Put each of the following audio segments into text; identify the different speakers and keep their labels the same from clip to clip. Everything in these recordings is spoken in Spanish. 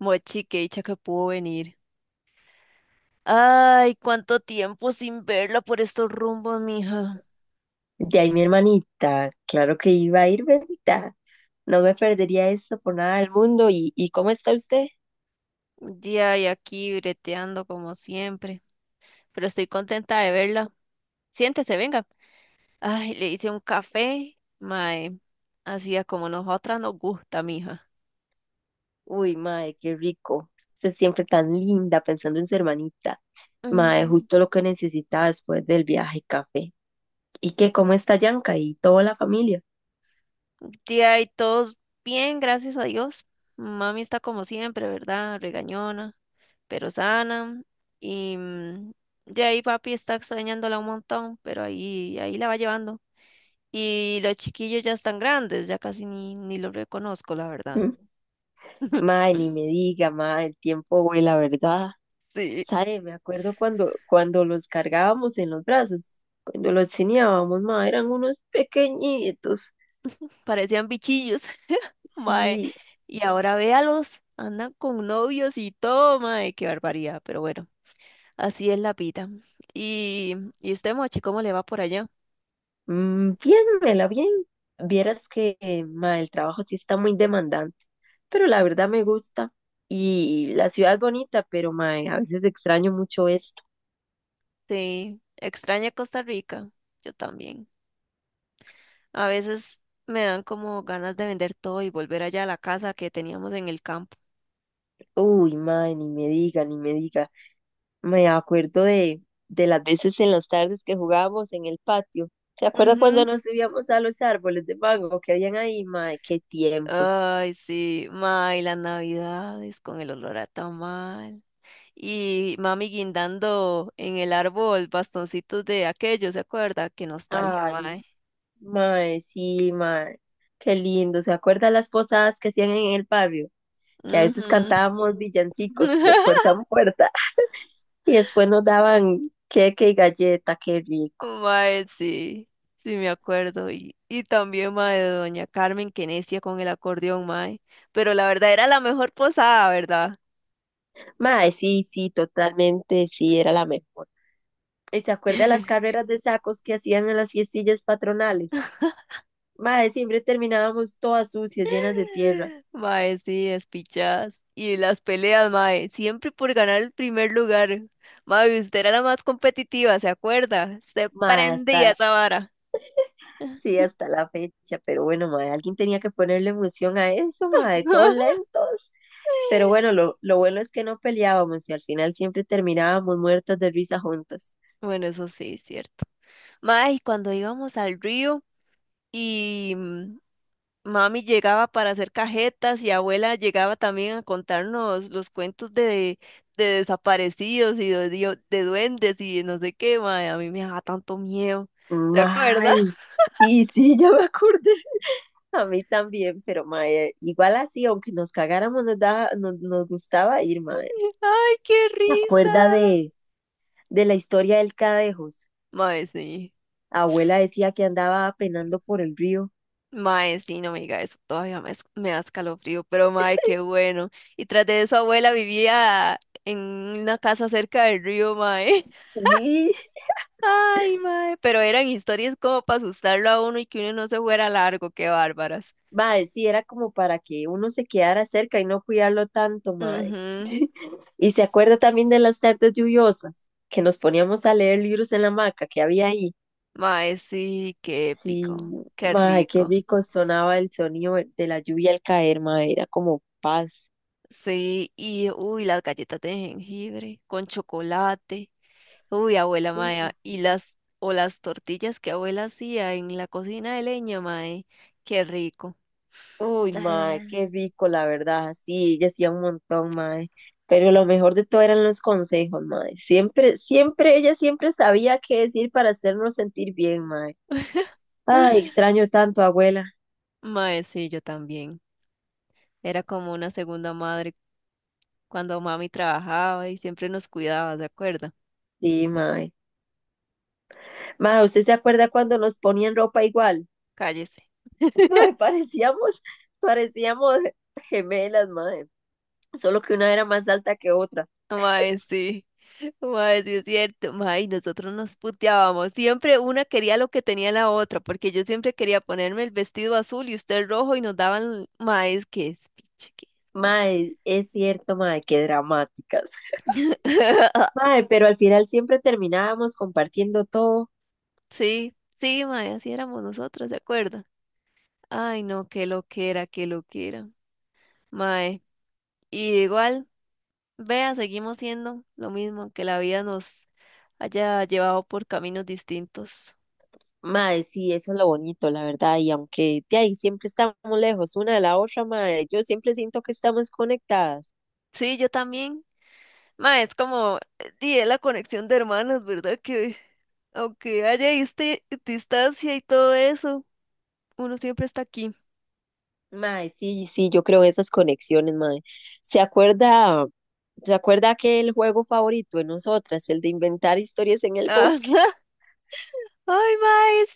Speaker 1: Mochi, qué dicha que pudo venir. Ay, cuánto tiempo sin verla por estos rumbos, mija.
Speaker 2: De ahí mi hermanita, claro que iba a ir, bebita. No me perdería eso por nada del mundo. ¿Y cómo está usted?
Speaker 1: Ya y aquí breteando como siempre. Pero estoy contenta de verla. Siéntese, venga. Ay, le hice un café. Mae, así es como nosotras nos gusta, mija.
Speaker 2: Uy, mae, qué rico. Usted siempre tan linda pensando en su hermanita. Mae,
Speaker 1: Mm,
Speaker 2: justo lo que necesitaba después del viaje, café. ¿Y qué? ¿Cómo está Yanka y toda la familia?
Speaker 1: Ya y todos bien, gracias a Dios. Mami está como siempre, ¿verdad? Regañona, pero sana. Y de ahí papi está extrañándola un montón, pero ahí la va llevando. Y los chiquillos ya están grandes, ya casi ni los reconozco, la verdad.
Speaker 2: ¿Mm? Mae, ni me diga, mae, el tiempo vuela, ¿verdad?
Speaker 1: Sí,
Speaker 2: ¿Sabe? Me acuerdo cuando los cargábamos en los brazos, cuando los chineábamos, mae, eran unos pequeñitos.
Speaker 1: parecían bichillos, mae.
Speaker 2: Sí,
Speaker 1: Y ahora véalos, andan con novios y todo, mae, qué barbaridad, pero bueno, así es la vida. Y usted, Mochi, ¿cómo le va por allá?
Speaker 2: mm, bien, Mela, bien. Vieras que ma, el trabajo sí está muy demandante, pero la verdad me gusta. Y la ciudad es bonita, pero ma, a veces extraño mucho esto.
Speaker 1: Sí, extraña Costa Rica, yo también. A veces me dan como ganas de vender todo y volver allá a la casa que teníamos en el campo.
Speaker 2: Uy, ma, ni me diga, ni me diga. Me acuerdo de, de las veces en las tardes que jugábamos en el patio. ¿Se acuerda cuando
Speaker 1: Ujú.
Speaker 2: nos subíamos a los árboles de mango que habían ahí, ma? Qué tiempos.
Speaker 1: Ay, sí, ma, y las navidades con el olor a tamal. Y mami guindando en el árbol bastoncitos de aquello, ¿se acuerda? Qué nostalgia,
Speaker 2: Ay,
Speaker 1: mae.
Speaker 2: ma, sí, ma, qué lindo. ¿Se acuerda las posadas que hacían en el barrio? Que a veces
Speaker 1: Ujú.
Speaker 2: cantábamos villancicos de puerta en puerta y después nos daban queque y galleta, qué rico.
Speaker 1: Mae, sí, sí me acuerdo. Y también, mae, de Doña Carmen, que necia con el acordeón, mae. Pero la verdad era la mejor posada, ¿verdad?
Speaker 2: Mae, sí, sí, totalmente, sí, era la mejor. ¿Y se acuerda de las carreras de sacos que hacían en las fiestillas patronales? Mae, siempre terminábamos todas sucias, llenas de tierra.
Speaker 1: Mae, sí, despichadas. Y las peleas, mae, siempre por ganar el primer lugar. Mae, usted era la más competitiva, ¿se acuerda? Se
Speaker 2: Mae,
Speaker 1: prendía
Speaker 2: hasta,
Speaker 1: esa vara.
Speaker 2: sí, hasta la fecha, pero bueno, mae, alguien tenía que ponerle emoción a eso, mae, todos lentos. Pero bueno, lo bueno es que no peleábamos y al final siempre terminábamos muertas de risa juntas.
Speaker 1: Bueno, eso sí, es cierto. Mae, y cuando íbamos al río y mami llegaba para hacer cajetas y abuela llegaba también a contarnos los cuentos de desaparecidos y de duendes y no sé qué, mae, a mí me daba tanto miedo. ¿Se acuerda?
Speaker 2: Mae, y sí, ya me acordé, a mí también, pero mae, igual así, aunque nos cagáramos, nos gustaba ir, mae.
Speaker 1: ¡Ay, qué
Speaker 2: ¿Te acuerdas
Speaker 1: risa!
Speaker 2: de, ¿De la historia del Cadejos?
Speaker 1: Mae, sí.
Speaker 2: Abuela decía que andaba penando por el río.
Speaker 1: Mae, sí, no me diga eso. Todavía me da escalofrío, pero mae, qué bueno. Y tras de eso, abuela vivía en una casa cerca del río, mae.
Speaker 2: Sí,
Speaker 1: Ay, mae. Pero eran historias como para asustarlo a uno y que uno no se fuera largo. ¡Qué bárbaras!
Speaker 2: mae, sí, era como para que uno se quedara cerca y no cuidarlo tanto, mae.
Speaker 1: Mhm.
Speaker 2: Y se acuerda también de las tardes lluviosas, que nos poníamos a leer libros en la hamaca que había ahí.
Speaker 1: Mae, sí, qué
Speaker 2: Sí,
Speaker 1: épico. Qué
Speaker 2: mae, qué
Speaker 1: rico.
Speaker 2: rico sonaba el sonido de la lluvia al caer, mae, era como paz.
Speaker 1: Sí, y uy, las galletas de jengibre con chocolate. Uy, abuela mae,
Speaker 2: Uy,
Speaker 1: y
Speaker 2: sí.
Speaker 1: las o las tortillas que abuela hacía en la cocina de leña, mae, qué rico.
Speaker 2: Uy,
Speaker 1: Ah.
Speaker 2: mae, qué rico, la verdad. Sí, ella hacía un montón, mae. Pero lo mejor de todo eran los consejos, mae. Siempre, siempre, ella siempre sabía qué decir para hacernos sentir bien, mae. Ay, extraño tanto, abuela.
Speaker 1: Mae, sí, yo también. Era como una segunda madre cuando mami trabajaba y siempre nos cuidaba, ¿se acuerda?
Speaker 2: Sí, mae. Mae, ¿usted se acuerda cuando nos ponían ropa igual?
Speaker 1: Cállese.
Speaker 2: Mae, parecíamos gemelas, mae. Solo que una era más alta que otra.
Speaker 1: Mae, sí. Mae, sí es cierto. Mae, nosotros nos puteábamos. Siempre una quería lo que tenía la otra, porque yo siempre quería ponerme el vestido azul y usted el rojo y nos daban, mae, es que es piche, que es piche.
Speaker 2: Mae, es cierto, mae, qué dramáticas. Mae, pero al final siempre terminábamos compartiendo todo.
Speaker 1: Sí, sí, mae, así éramos nosotros, ¿se acuerda? Ay, no, qué loquera, qué loquera. Mae, y igual, vea, seguimos siendo lo mismo, que la vida nos haya llevado por caminos distintos.
Speaker 2: Mae, sí, eso es lo bonito, la verdad. Y aunque de ahí siempre estamos lejos una de la otra, mae, yo siempre siento que estamos conectadas.
Speaker 1: Sí, yo también. Ma, es como, di, es la conexión de hermanas, ¿verdad? Que aunque haya distancia y todo eso, uno siempre está aquí.
Speaker 2: Mae, sí, sí, yo creo en esas conexiones, mae. ¿Se acuerda, ¿Se acuerda que el juego favorito de nosotras, el de inventar historias en el bosque?
Speaker 1: Ajá. Ay, mae,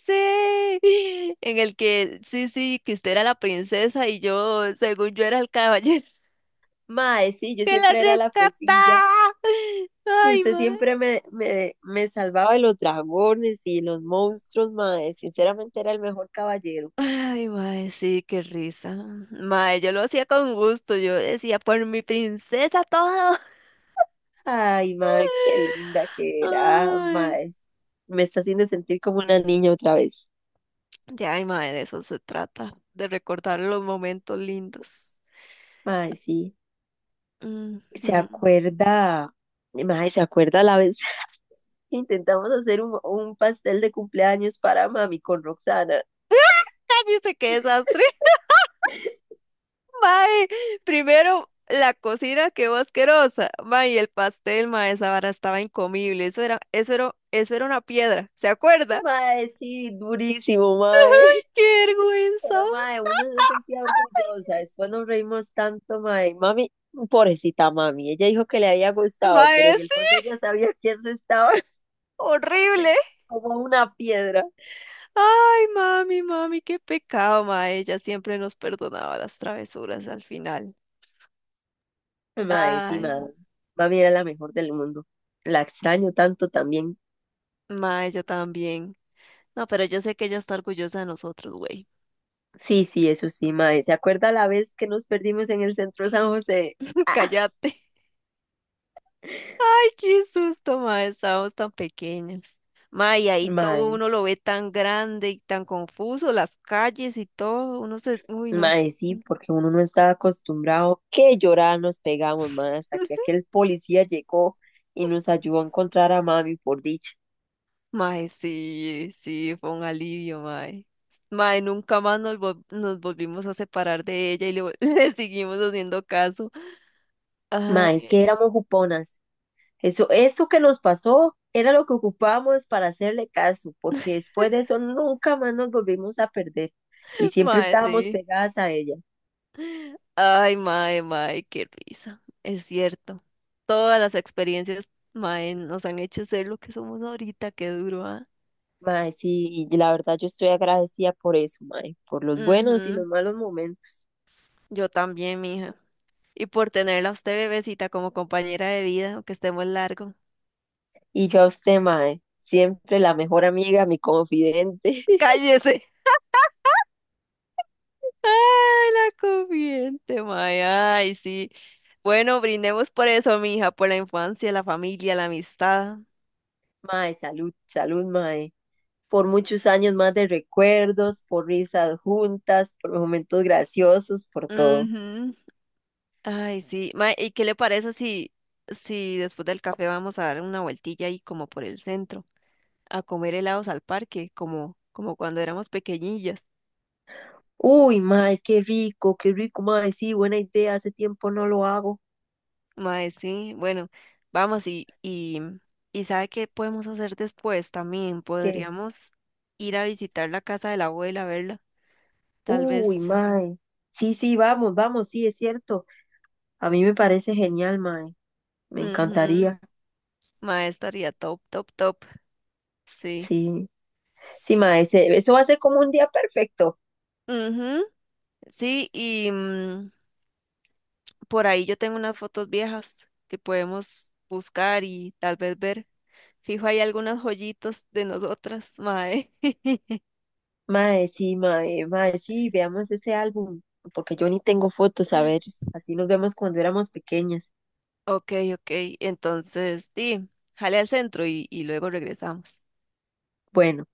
Speaker 1: sí. En el que, sí, sí, que usted era la princesa y yo, según yo, era el caballero
Speaker 2: Mae, sí, yo
Speaker 1: que la
Speaker 2: siempre era la fresilla.
Speaker 1: rescataba.
Speaker 2: Y
Speaker 1: Ay,
Speaker 2: usted
Speaker 1: mae.
Speaker 2: siempre me salvaba de los dragones y los monstruos, mae. Sinceramente era el mejor caballero.
Speaker 1: Ay, mae, sí, qué risa. Mae, yo lo hacía con gusto. Yo decía, por mi princesa todo.
Speaker 2: Ay, mae, qué linda que era,
Speaker 1: Ay.
Speaker 2: mae. Me está haciendo sentir como una niña otra vez.
Speaker 1: Ya, ay, mae, de eso se trata, de recordar los momentos lindos.
Speaker 2: Mae, sí. ¿Se
Speaker 1: Ujú.
Speaker 2: acuerda? Mae, ¿se acuerda la vez que intentamos hacer un pastel de cumpleaños para mami con Roxana?
Speaker 1: Cállese, qué desastre. Mae, primero la cocina quedó asquerosa. Mae, y el pastel, mae, esa vara estaba incomible. Eso era una piedra, ¿se acuerda?
Speaker 2: Mae, sí, durísimo, mae.
Speaker 1: ¡Qué vergüenza!
Speaker 2: Pero, mae, uno se sentía orgullosa. Después nos reímos tanto, mae. Mami, pobrecita mami. Ella dijo que le había gustado, pero
Speaker 1: Mae,
Speaker 2: en el
Speaker 1: sí,
Speaker 2: fondo ya sabía que eso estaba
Speaker 1: horrible.
Speaker 2: como una piedra.
Speaker 1: Ay, mami, mami, qué pecado, mae. Ella siempre nos perdonaba las travesuras al final.
Speaker 2: Mae, sí,
Speaker 1: Ay,
Speaker 2: mae. Mami era la mejor del mundo. La extraño tanto también.
Speaker 1: mae, ella también. No, pero yo sé que ella está orgullosa de nosotros, güey.
Speaker 2: Sí, sí, eso sí, mae. ¿Se acuerda la vez que nos perdimos en el centro San José? Ah,
Speaker 1: Cállate. Ay, qué susto, mae. Estábamos tan pequeños. Mae, y ahí todo
Speaker 2: mae,
Speaker 1: uno lo ve tan grande y tan confuso, las calles y todo. Uno se. Uy, no.
Speaker 2: mae, sí, porque uno no estaba acostumbrado. Qué llorada nos pegamos, mae, hasta que aquel policía llegó y nos ayudó a encontrar a mami por dicha.
Speaker 1: Mae, sí, sí, fue un alivio, mae. Mae, nunca más nos volvimos a separar de ella y le seguimos haciendo caso.
Speaker 2: Mae, es
Speaker 1: Ay,
Speaker 2: que éramos juponas. Eso que nos pasó era lo que ocupábamos para hacerle caso, porque después de eso nunca más nos volvimos a perder y siempre
Speaker 1: mae,
Speaker 2: estábamos
Speaker 1: sí.
Speaker 2: pegadas a ella.
Speaker 1: Ay, mae, mae, qué risa. Es cierto. Todas las experiencias, mae, nos han hecho ser lo que somos ahorita, qué duro, ¿ah?
Speaker 2: Mae, sí, y la verdad yo estoy agradecida por eso, mae, por los buenos y
Speaker 1: Ujú.
Speaker 2: los malos momentos.
Speaker 1: Yo también, mija. Y por tenerla a usted, bebecita, como compañera de vida, aunque estemos largo.
Speaker 2: Y yo a usted, mae, siempre la mejor amiga, mi confidente.
Speaker 1: ¡Cállese! ¡Ay, la comiente, mae! ¡Ay, sí! Bueno, brindemos por eso, mija, por la infancia, la familia, la amistad.
Speaker 2: Mae, salud, salud, mae. Por muchos años más de recuerdos, por risas juntas, por momentos graciosos, por todo.
Speaker 1: Ujú. Ay, sí. Mae, ¿y qué le parece si después del café vamos a dar una vueltilla ahí como por el centro, a comer helados al parque, como cuando éramos pequeñillas?
Speaker 2: Uy, mae, qué rico, mae. Sí, buena idea, hace tiempo no lo hago.
Speaker 1: Mae, sí, bueno, vamos y ¿sabe qué podemos hacer después también?
Speaker 2: ¿Qué?
Speaker 1: Podríamos ir a visitar la casa de la abuela, verla, tal
Speaker 2: Uy,
Speaker 1: vez.
Speaker 2: mae. Sí, sí, vamos, vamos, sí, es cierto. A mí me parece genial, mae. Me
Speaker 1: Ujú.
Speaker 2: encantaría.
Speaker 1: Mae, estaría top, top, top. Sí.
Speaker 2: Sí, sí, mae, se- eso va a ser como un día perfecto.
Speaker 1: Ujú. Sí, y por ahí yo tengo unas fotos viejas que podemos buscar y tal vez ver. Fijo, hay algunas joyitas de nosotras, mae.
Speaker 2: Mae, sí, mae, mae, sí, veamos ese álbum, porque yo ni tengo fotos, a ver, así nos vemos cuando éramos pequeñas.
Speaker 1: Ok, ok. Entonces, sí, jale al centro y luego regresamos.
Speaker 2: Bueno.